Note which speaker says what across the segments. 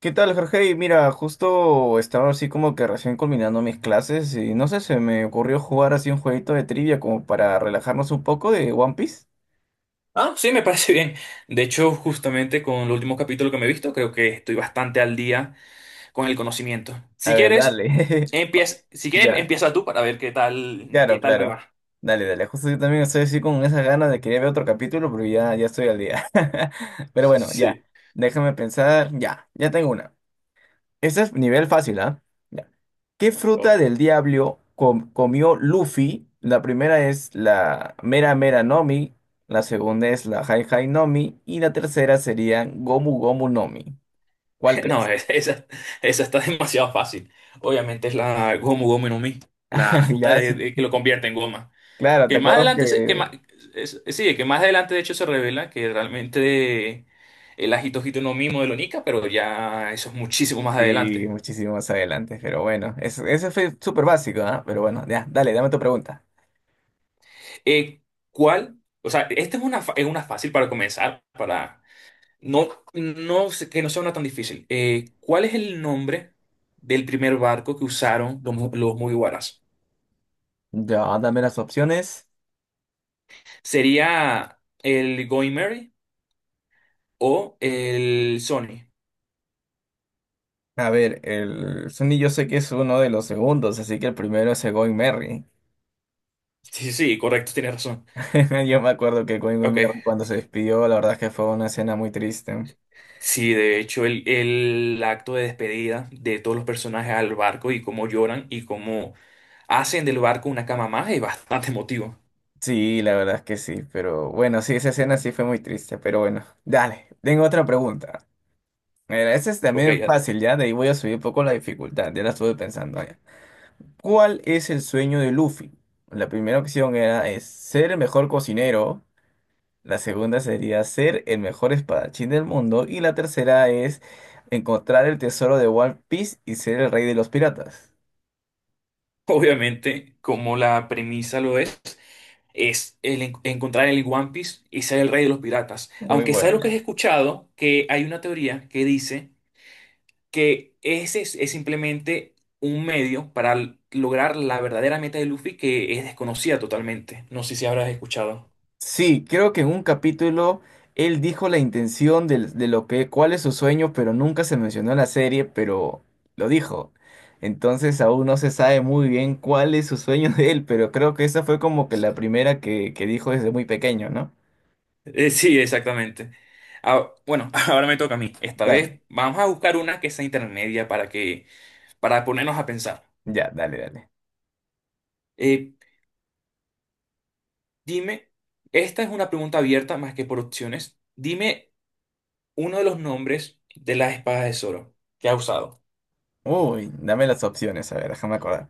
Speaker 1: ¿Qué tal, Jorge? Y mira, justo estaba así como que recién culminando mis clases y no sé, se me ocurrió jugar así un jueguito de trivia como para relajarnos un poco de One Piece.
Speaker 2: Ah, sí, me parece bien. De hecho, justamente con el último capítulo que me he visto, creo que estoy bastante al día con el conocimiento.
Speaker 1: A
Speaker 2: Si
Speaker 1: ver,
Speaker 2: quieres,
Speaker 1: dale.
Speaker 2: empieza, si quieres,
Speaker 1: Ya,
Speaker 2: empieza tú para ver qué tal, qué
Speaker 1: claro,
Speaker 2: tal me
Speaker 1: claro.
Speaker 2: va.
Speaker 1: Dale, dale. Justo yo también estoy así con esas ganas de querer ver otro capítulo, pero ya, ya estoy al día. Pero
Speaker 2: Sí,
Speaker 1: bueno, ya.
Speaker 2: sí,
Speaker 1: Déjame pensar. Ya, ya tengo una. Este es nivel fácil, ¿ah? Ya. ¿Qué fruta
Speaker 2: ok.
Speaker 1: del diablo comió Luffy? La primera es la Mera Mera Nomi, la segunda es la Hai Hai Nomi y la tercera sería Gomu Gomu Nomi. ¿Cuál
Speaker 2: No,
Speaker 1: crees?
Speaker 2: esa, esa está demasiado fácil. Obviamente es la Gomu Gomu no Mi, la fruta
Speaker 1: Ya, sí,
Speaker 2: que lo convierte en goma.
Speaker 1: claro, te
Speaker 2: Que más
Speaker 1: acuerdas
Speaker 2: adelante, se- que más,
Speaker 1: que
Speaker 2: es- sí, que más adelante de hecho se revela que realmente el Ajito Hito no Mi modelo Nika, pero ya eso es muchísimo más
Speaker 1: sí,
Speaker 2: adelante.
Speaker 1: muchísimo más adelante, pero bueno, ese fue súper básico, ¿ah? Pero bueno, ya, dale, dame tu pregunta.
Speaker 2: Eh, ¿Cuál? O sea, esta es una, es una fácil para comenzar, para no, que no sea una tan difícil. ¿Cuál es el nombre del primer barco que usaron los, los Mugiwaras?
Speaker 1: Ya, dame las opciones.
Speaker 2: ¿Sería el Going Mary o el Sony?
Speaker 1: A ver, el Sunny yo sé que es uno de los segundos, así que el primero es el Going Merry.
Speaker 2: Sí, sí, correcto, tienes razón.
Speaker 1: Yo me acuerdo que Colin
Speaker 2: Ok.
Speaker 1: Wilmer cuando se despidió, la verdad es que fue una escena muy triste.
Speaker 2: Sí, de hecho, el acto de despedida de todos los personajes al barco y cómo lloran y cómo hacen del barco una cama más es bastante emotivo.
Speaker 1: Sí, la verdad es que sí, pero bueno, sí, esa escena sí fue muy triste, pero bueno, dale, tengo otra pregunta. Mira, esa es
Speaker 2: Ok.
Speaker 1: también fácil, ya, de ahí voy a subir un poco la dificultad, ya la estuve pensando ya. ¿Cuál es el sueño de Luffy? La primera opción era es ser el mejor cocinero, la segunda sería ser el mejor espadachín del mundo y la tercera es encontrar el tesoro de One Piece y ser el rey de los piratas.
Speaker 2: Obviamente, como la premisa lo es el encontrar el One Piece y ser el rey de los piratas.
Speaker 1: Muy
Speaker 2: Aunque sabes lo que has
Speaker 1: buena.
Speaker 2: escuchado, que hay una teoría que dice que es simplemente un medio para lograr la verdadera meta de Luffy que es desconocida totalmente. No sé si habrás escuchado.
Speaker 1: Sí, creo que en un capítulo él dijo la intención de, lo que, cuál es su sueño, pero nunca se mencionó en la serie, pero lo dijo. Entonces aún no se sabe muy bien cuál es su sueño de él, pero creo que esa fue como que la primera que dijo desde muy pequeño, ¿no?
Speaker 2: Sí, exactamente. Ah, bueno, ahora me toca a mí. Esta vez
Speaker 1: Dale,
Speaker 2: vamos a buscar una que sea intermedia para ponernos a pensar.
Speaker 1: ya, dale, dale.
Speaker 2: Eh, Dime, esta es una pregunta abierta más que por opciones. Dime uno de los nombres de las espadas de Zoro que ha usado.
Speaker 1: Uy, dame las opciones, a ver, déjame acordar.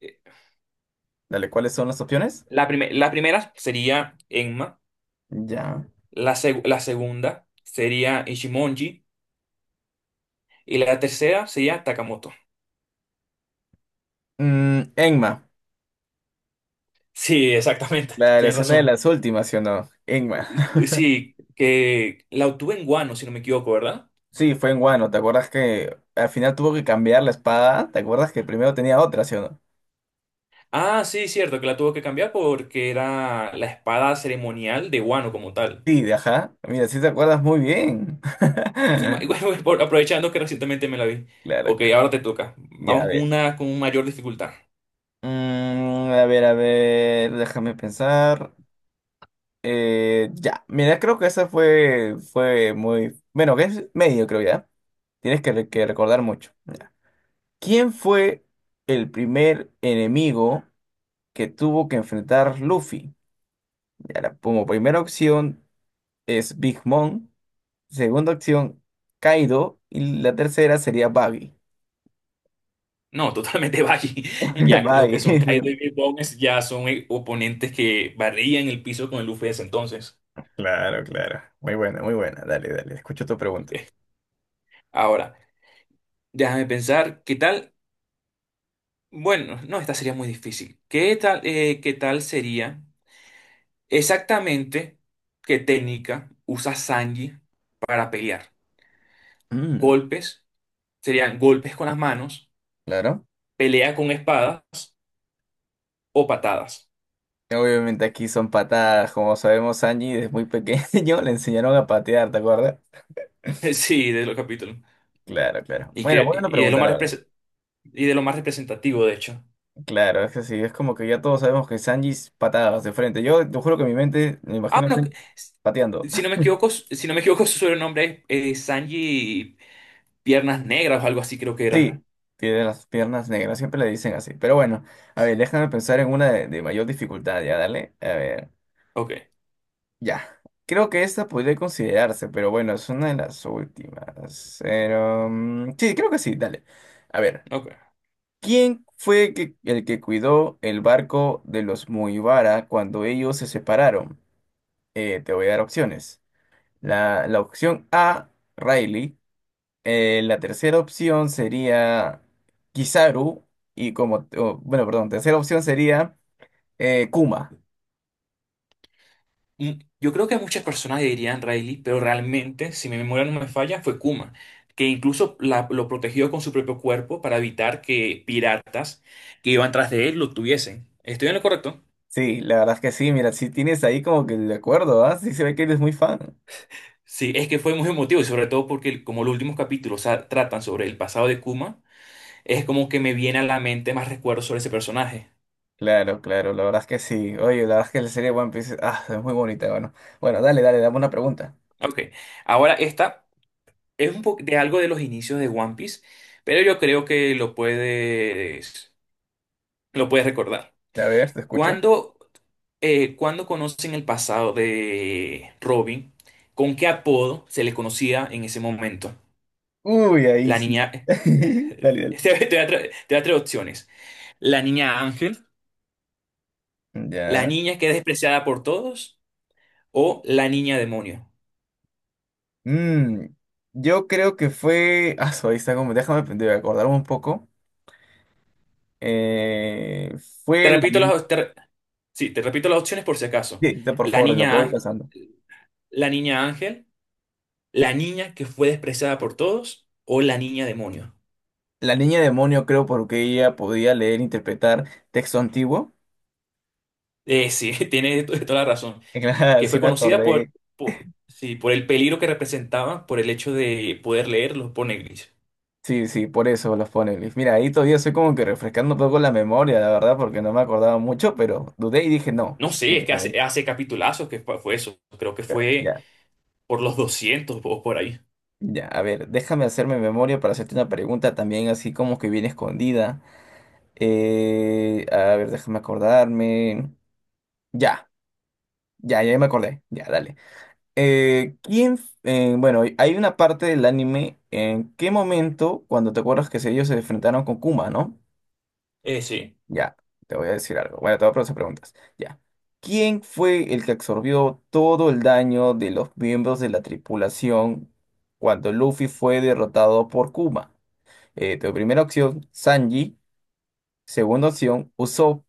Speaker 2: Eh,
Speaker 1: Dale, ¿cuáles son las opciones?
Speaker 2: La primera sería Enma,
Speaker 1: Ya.
Speaker 2: la segunda sería Ichimonji y la tercera sería Takamoto.
Speaker 1: Mm, Enma,
Speaker 2: Sí, exactamente,
Speaker 1: la
Speaker 2: tienes
Speaker 1: escena de
Speaker 2: razón.
Speaker 1: las últimas, ¿sí o no? Enma.
Speaker 2: Sí, que la obtuve en Guano, si no me equivoco, ¿verdad?
Speaker 1: Sí, fue en Wano. ¿Te acuerdas que al final tuvo que cambiar la espada? ¿Te acuerdas que primero tenía otra, sí o no?
Speaker 2: Ah, sí, cierto, que la tuvo que cambiar porque era la espada ceremonial de Guano como tal.
Speaker 1: Sí, de ajá. Mira, sí te acuerdas muy bien.
Speaker 2: Sí, y bueno, aprovechando que recientemente me la vi.
Speaker 1: Claro,
Speaker 2: Ok,
Speaker 1: claro.
Speaker 2: ahora te toca.
Speaker 1: Ya, a
Speaker 2: Vamos con
Speaker 1: ver.
Speaker 2: una con mayor dificultad.
Speaker 1: Mm, a ver, déjame pensar. Ya, mira, creo que esa fue, fue muy... Bueno, que es medio, creo ya. Tienes que, que recordar mucho. Ya. ¿Quién fue el primer enemigo que tuvo que enfrentar Luffy? Ya, la- como primera opción. Es Big Mom. Segunda opción, Kaido. Y la tercera sería Baggy.
Speaker 2: No, totalmente Valle. Ya lo que
Speaker 1: Baggy.
Speaker 2: son Kai David Bones ya son oponentes que barrían el piso con el Luffy de ese entonces.
Speaker 1: Claro, claro. Muy buena, muy buena. Dale, dale. Escucho tu pregunta.
Speaker 2: Ahora, déjame pensar, ¿qué tal? Bueno, no, esta sería muy difícil. ¿Qué tal sería exactamente qué técnica usa Sanji para pelear?
Speaker 1: Mm,
Speaker 2: ¿Golpes? ¿Serían golpes con las manos?
Speaker 1: claro.
Speaker 2: ¿Pelea con espadas o patadas?
Speaker 1: Obviamente aquí son patadas, como sabemos, Sanji desde muy pequeño le enseñaron a patear, ¿te acuerdas?
Speaker 2: Sí, de los capítulos.
Speaker 1: Claro, claro.
Speaker 2: Y,
Speaker 1: Bueno,
Speaker 2: que,
Speaker 1: buena
Speaker 2: y, de lo
Speaker 1: pregunta, la
Speaker 2: más
Speaker 1: verdad.
Speaker 2: repres- y de lo más representativo, de hecho.
Speaker 1: Claro, es que sí, es como que ya todos sabemos que Sanji es patadas de frente. Yo te juro que mi mente me
Speaker 2: Ah,
Speaker 1: imagino a
Speaker 2: bueno,
Speaker 1: Sanji pateando.
Speaker 2: si no me equivoco, su sobrenombre es Sanji Piernas Negras o algo así creo que
Speaker 1: Sí,
Speaker 2: era.
Speaker 1: tiene las piernas negras, siempre le dicen así. Pero bueno, a ver, déjame pensar en una de mayor dificultad, ya, dale. A ver,
Speaker 2: Ok,
Speaker 1: ya. Creo que esta podría considerarse, pero bueno, es una de las últimas. Pero, mm, sí, creo que sí, dale. A ver,
Speaker 2: ok.
Speaker 1: ¿quién fue el que cuidó el barco de los Mugiwara cuando ellos se separaron? Te voy a dar opciones. La opción A, Riley. La tercera opción sería Kizaru y como, o, bueno, perdón, tercera opción sería Kuma.
Speaker 2: Mm, yo creo que muchas personas dirían Riley, pero realmente, si mi memoria no me falla, fue Kuma, que incluso lo protegió con su propio cuerpo para evitar que piratas que iban tras de él lo tuviesen. ¿Estoy en lo correcto?
Speaker 1: Sí, la verdad es que sí, mira, si tienes ahí como que de acuerdo, ¿ah? Sí se ve que eres muy fan.
Speaker 2: Sí, es que fue muy emotivo, y sobre todo porque como los últimos capítulos tratan sobre el pasado de Kuma, es como que me viene a la mente más recuerdos sobre ese personaje.
Speaker 1: Claro, claro, la verdad es que sí. Oye, la verdad es que la serie One Piece, ah, es muy bonita, bueno. Bueno, dale, dale, dame una pregunta.
Speaker 2: Ok, ahora esta es un poco de algo de los inicios de One Piece, pero yo creo que lo puedes recordar.
Speaker 1: A ver, te escucho.
Speaker 2: Cuando, cuando conocen el pasado de Robin, ¿con qué apodo se le conocía en ese momento?
Speaker 1: Uy, ahí
Speaker 2: La
Speaker 1: sí.
Speaker 2: niña...
Speaker 1: Dale, dale.
Speaker 2: Te voy a te voy a traer opciones. La niña Ángel, la
Speaker 1: Ya.
Speaker 2: niña que es despreciada por todos o la niña demonio.
Speaker 1: Mm, yo creo que fue. Ah, su, ahí está como. Déjame de acordarme un poco. Eh,
Speaker 2: Te
Speaker 1: fue la...
Speaker 2: repito
Speaker 1: ni-
Speaker 2: las, te re- sí, te repito las opciones por si acaso.
Speaker 1: Sí, sí, por
Speaker 2: La
Speaker 1: favor, de lo que
Speaker 2: niña,
Speaker 1: voy
Speaker 2: ángel-
Speaker 1: pasando.
Speaker 2: la niña ángel, la niña que fue despreciada por todos o la niña demonio.
Speaker 1: La niña demonio creo porque ella podía leer e interpretar texto antiguo.
Speaker 2: Sí, toda la razón.
Speaker 1: Claro,
Speaker 2: Que fue
Speaker 1: sí me
Speaker 2: conocida por,
Speaker 1: acordé.
Speaker 2: por, sí, por el peligro que representaba, por el hecho de poder leer los poneglyphs.
Speaker 1: Sí, sí, por eso los pone Luis. Mira, ahí todavía estoy como que refrescando un poco la memoria, la verdad, porque no me acordaba mucho, pero dudé y dije no.
Speaker 2: No sé, es que
Speaker 1: Directamente.
Speaker 2: hace capitulazos que fue eso. Creo que
Speaker 1: Pero
Speaker 2: fue
Speaker 1: ya,
Speaker 2: por los 200 o por ahí.
Speaker 1: ya. A ver, déjame hacerme memoria para hacerte una pregunta también así como que bien escondida. A ver, déjame acordarme. Ya, ya, ya me acordé. Ya, dale. ¿Quién, bueno, hay una parte del anime en qué momento, cuando te acuerdas que ellos se enfrentaron con Kuma, ¿no?
Speaker 2: Sí.
Speaker 1: Ya, te voy a decir algo. Bueno, te voy a hacer preguntas. Ya. ¿Quién fue el que absorbió todo el daño de los miembros de la tripulación cuando Luffy fue derrotado por Kuma? Tu primera opción, Sanji. Segunda opción, Usopp.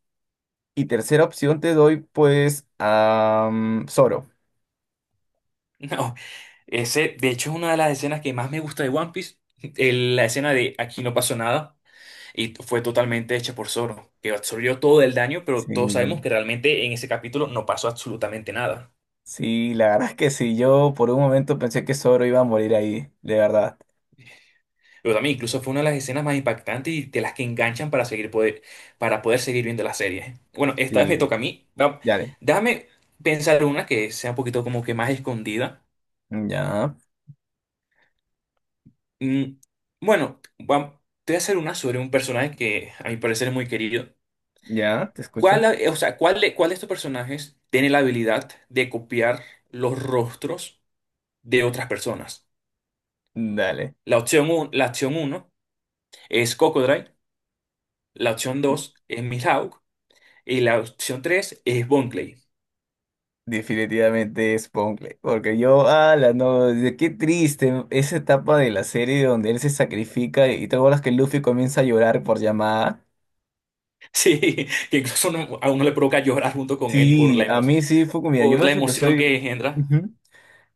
Speaker 1: Y tercera opción te doy, pues, a mm, Zoro.
Speaker 2: No, ese, de hecho, es una de las escenas que más me gusta de One Piece. La escena de aquí no pasó nada y fue totalmente hecha por Zoro, que absorbió todo el daño, pero todos sabemos
Speaker 1: Sí.
Speaker 2: que realmente en ese capítulo no pasó absolutamente nada.
Speaker 1: Sí, la verdad es que sí, yo por un momento pensé que Zoro iba a morir ahí, de verdad.
Speaker 2: Pero también incluso fue una de las escenas más impactantes y de las que enganchan para poder seguir viendo la serie. Bueno, esta vez me toca
Speaker 1: Sí,
Speaker 2: a mí.
Speaker 1: dale.
Speaker 2: Déjame pensar una que sea un poquito como que más escondida.
Speaker 1: Ya,
Speaker 2: Mm, bueno, te voy a hacer una sobre un personaje que a mi parecer es muy querido.
Speaker 1: ya, te
Speaker 2: ¿Cuál,
Speaker 1: escucho.
Speaker 2: ha- o sea, cuál de estos personajes tiene la habilidad de copiar los rostros de otras personas?
Speaker 1: Dale.
Speaker 2: La opción uno es Cocodrile, la opción 2 es Mihawk y la opción 3 es Bonclay.
Speaker 1: Definitivamente es Poncle, porque yo, ala, no, qué triste esa etapa de la serie donde él se sacrifica y te acuerdas que Luffy comienza a llorar por llamada.
Speaker 2: Sí, que incluso a uno le provoca llorar junto con él
Speaker 1: Sí, a mí sí fue como, mira, yo
Speaker 2: por la
Speaker 1: eso que
Speaker 2: emoción
Speaker 1: soy.
Speaker 2: que engendra.
Speaker 1: Ujú.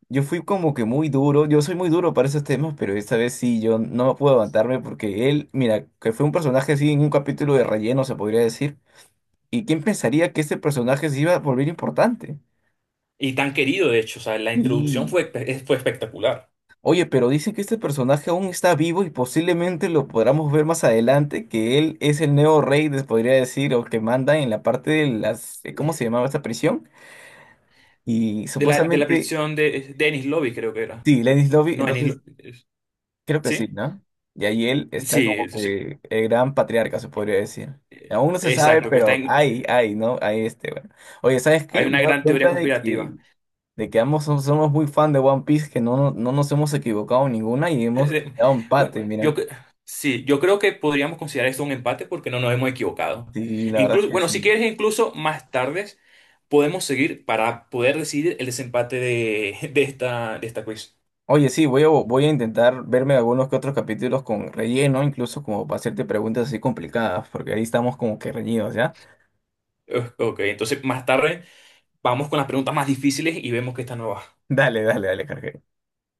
Speaker 1: Yo fui como que muy duro, yo soy muy duro para esos temas, pero esta vez sí, yo no puedo levantarme porque él, mira, que fue un personaje así en un capítulo de relleno, se podría decir. ¿Y quién pensaría que este personaje se iba a volver importante?
Speaker 2: Y tan querido, de hecho, o sea, la introducción
Speaker 1: Y,
Speaker 2: fue, fue espectacular.
Speaker 1: oye, pero dice que este personaje aún está vivo y posiblemente lo podamos ver más adelante, que él es el nuevo rey, les podría decir, o que manda en la parte de las, ¿cómo se llamaba esta prisión? Y
Speaker 2: De de la
Speaker 1: supuestamente,
Speaker 2: prisión de Dennis Lobby, creo que era.
Speaker 1: sí, Lenny's Lobby,
Speaker 2: No, Dennis
Speaker 1: entonces...
Speaker 2: Lobby.
Speaker 1: Creo que sí,
Speaker 2: ¿Sí?
Speaker 1: ¿no? Y ahí él está
Speaker 2: Sí,
Speaker 1: como
Speaker 2: sí, sí.
Speaker 1: que el gran patriarca, se podría decir. Aún no se sabe,
Speaker 2: Exacto, que está
Speaker 1: pero
Speaker 2: en,
Speaker 1: hay, ¿no? Hay este, bueno. Oye, ¿sabes
Speaker 2: hay
Speaker 1: qué? Me he
Speaker 2: una
Speaker 1: dado
Speaker 2: gran teoría
Speaker 1: cuenta
Speaker 2: conspirativa.
Speaker 1: de que ambos somos muy fan de One Piece, que no, no, no nos hemos equivocado en ninguna y hemos
Speaker 2: De-
Speaker 1: dado
Speaker 2: bueno,
Speaker 1: empate,
Speaker 2: yo
Speaker 1: mira.
Speaker 2: cre- sí, yo creo que podríamos considerar esto un empate porque no nos hemos equivocado.
Speaker 1: Sí, la verdad es
Speaker 2: Incluso,
Speaker 1: que
Speaker 2: bueno, si
Speaker 1: sí.
Speaker 2: quieres, incluso más tarde podemos seguir para poder decidir el desempate de de esta quiz.
Speaker 1: Oye, sí, voy a, voy a intentar verme algunos que otros capítulos con relleno, incluso como para hacerte preguntas así complicadas, porque ahí estamos como que reñidos, ¿ya?
Speaker 2: Ok, entonces más tarde vamos con las preguntas más difíciles y vemos que está nueva.
Speaker 1: Dale, dale, dale, Jorge.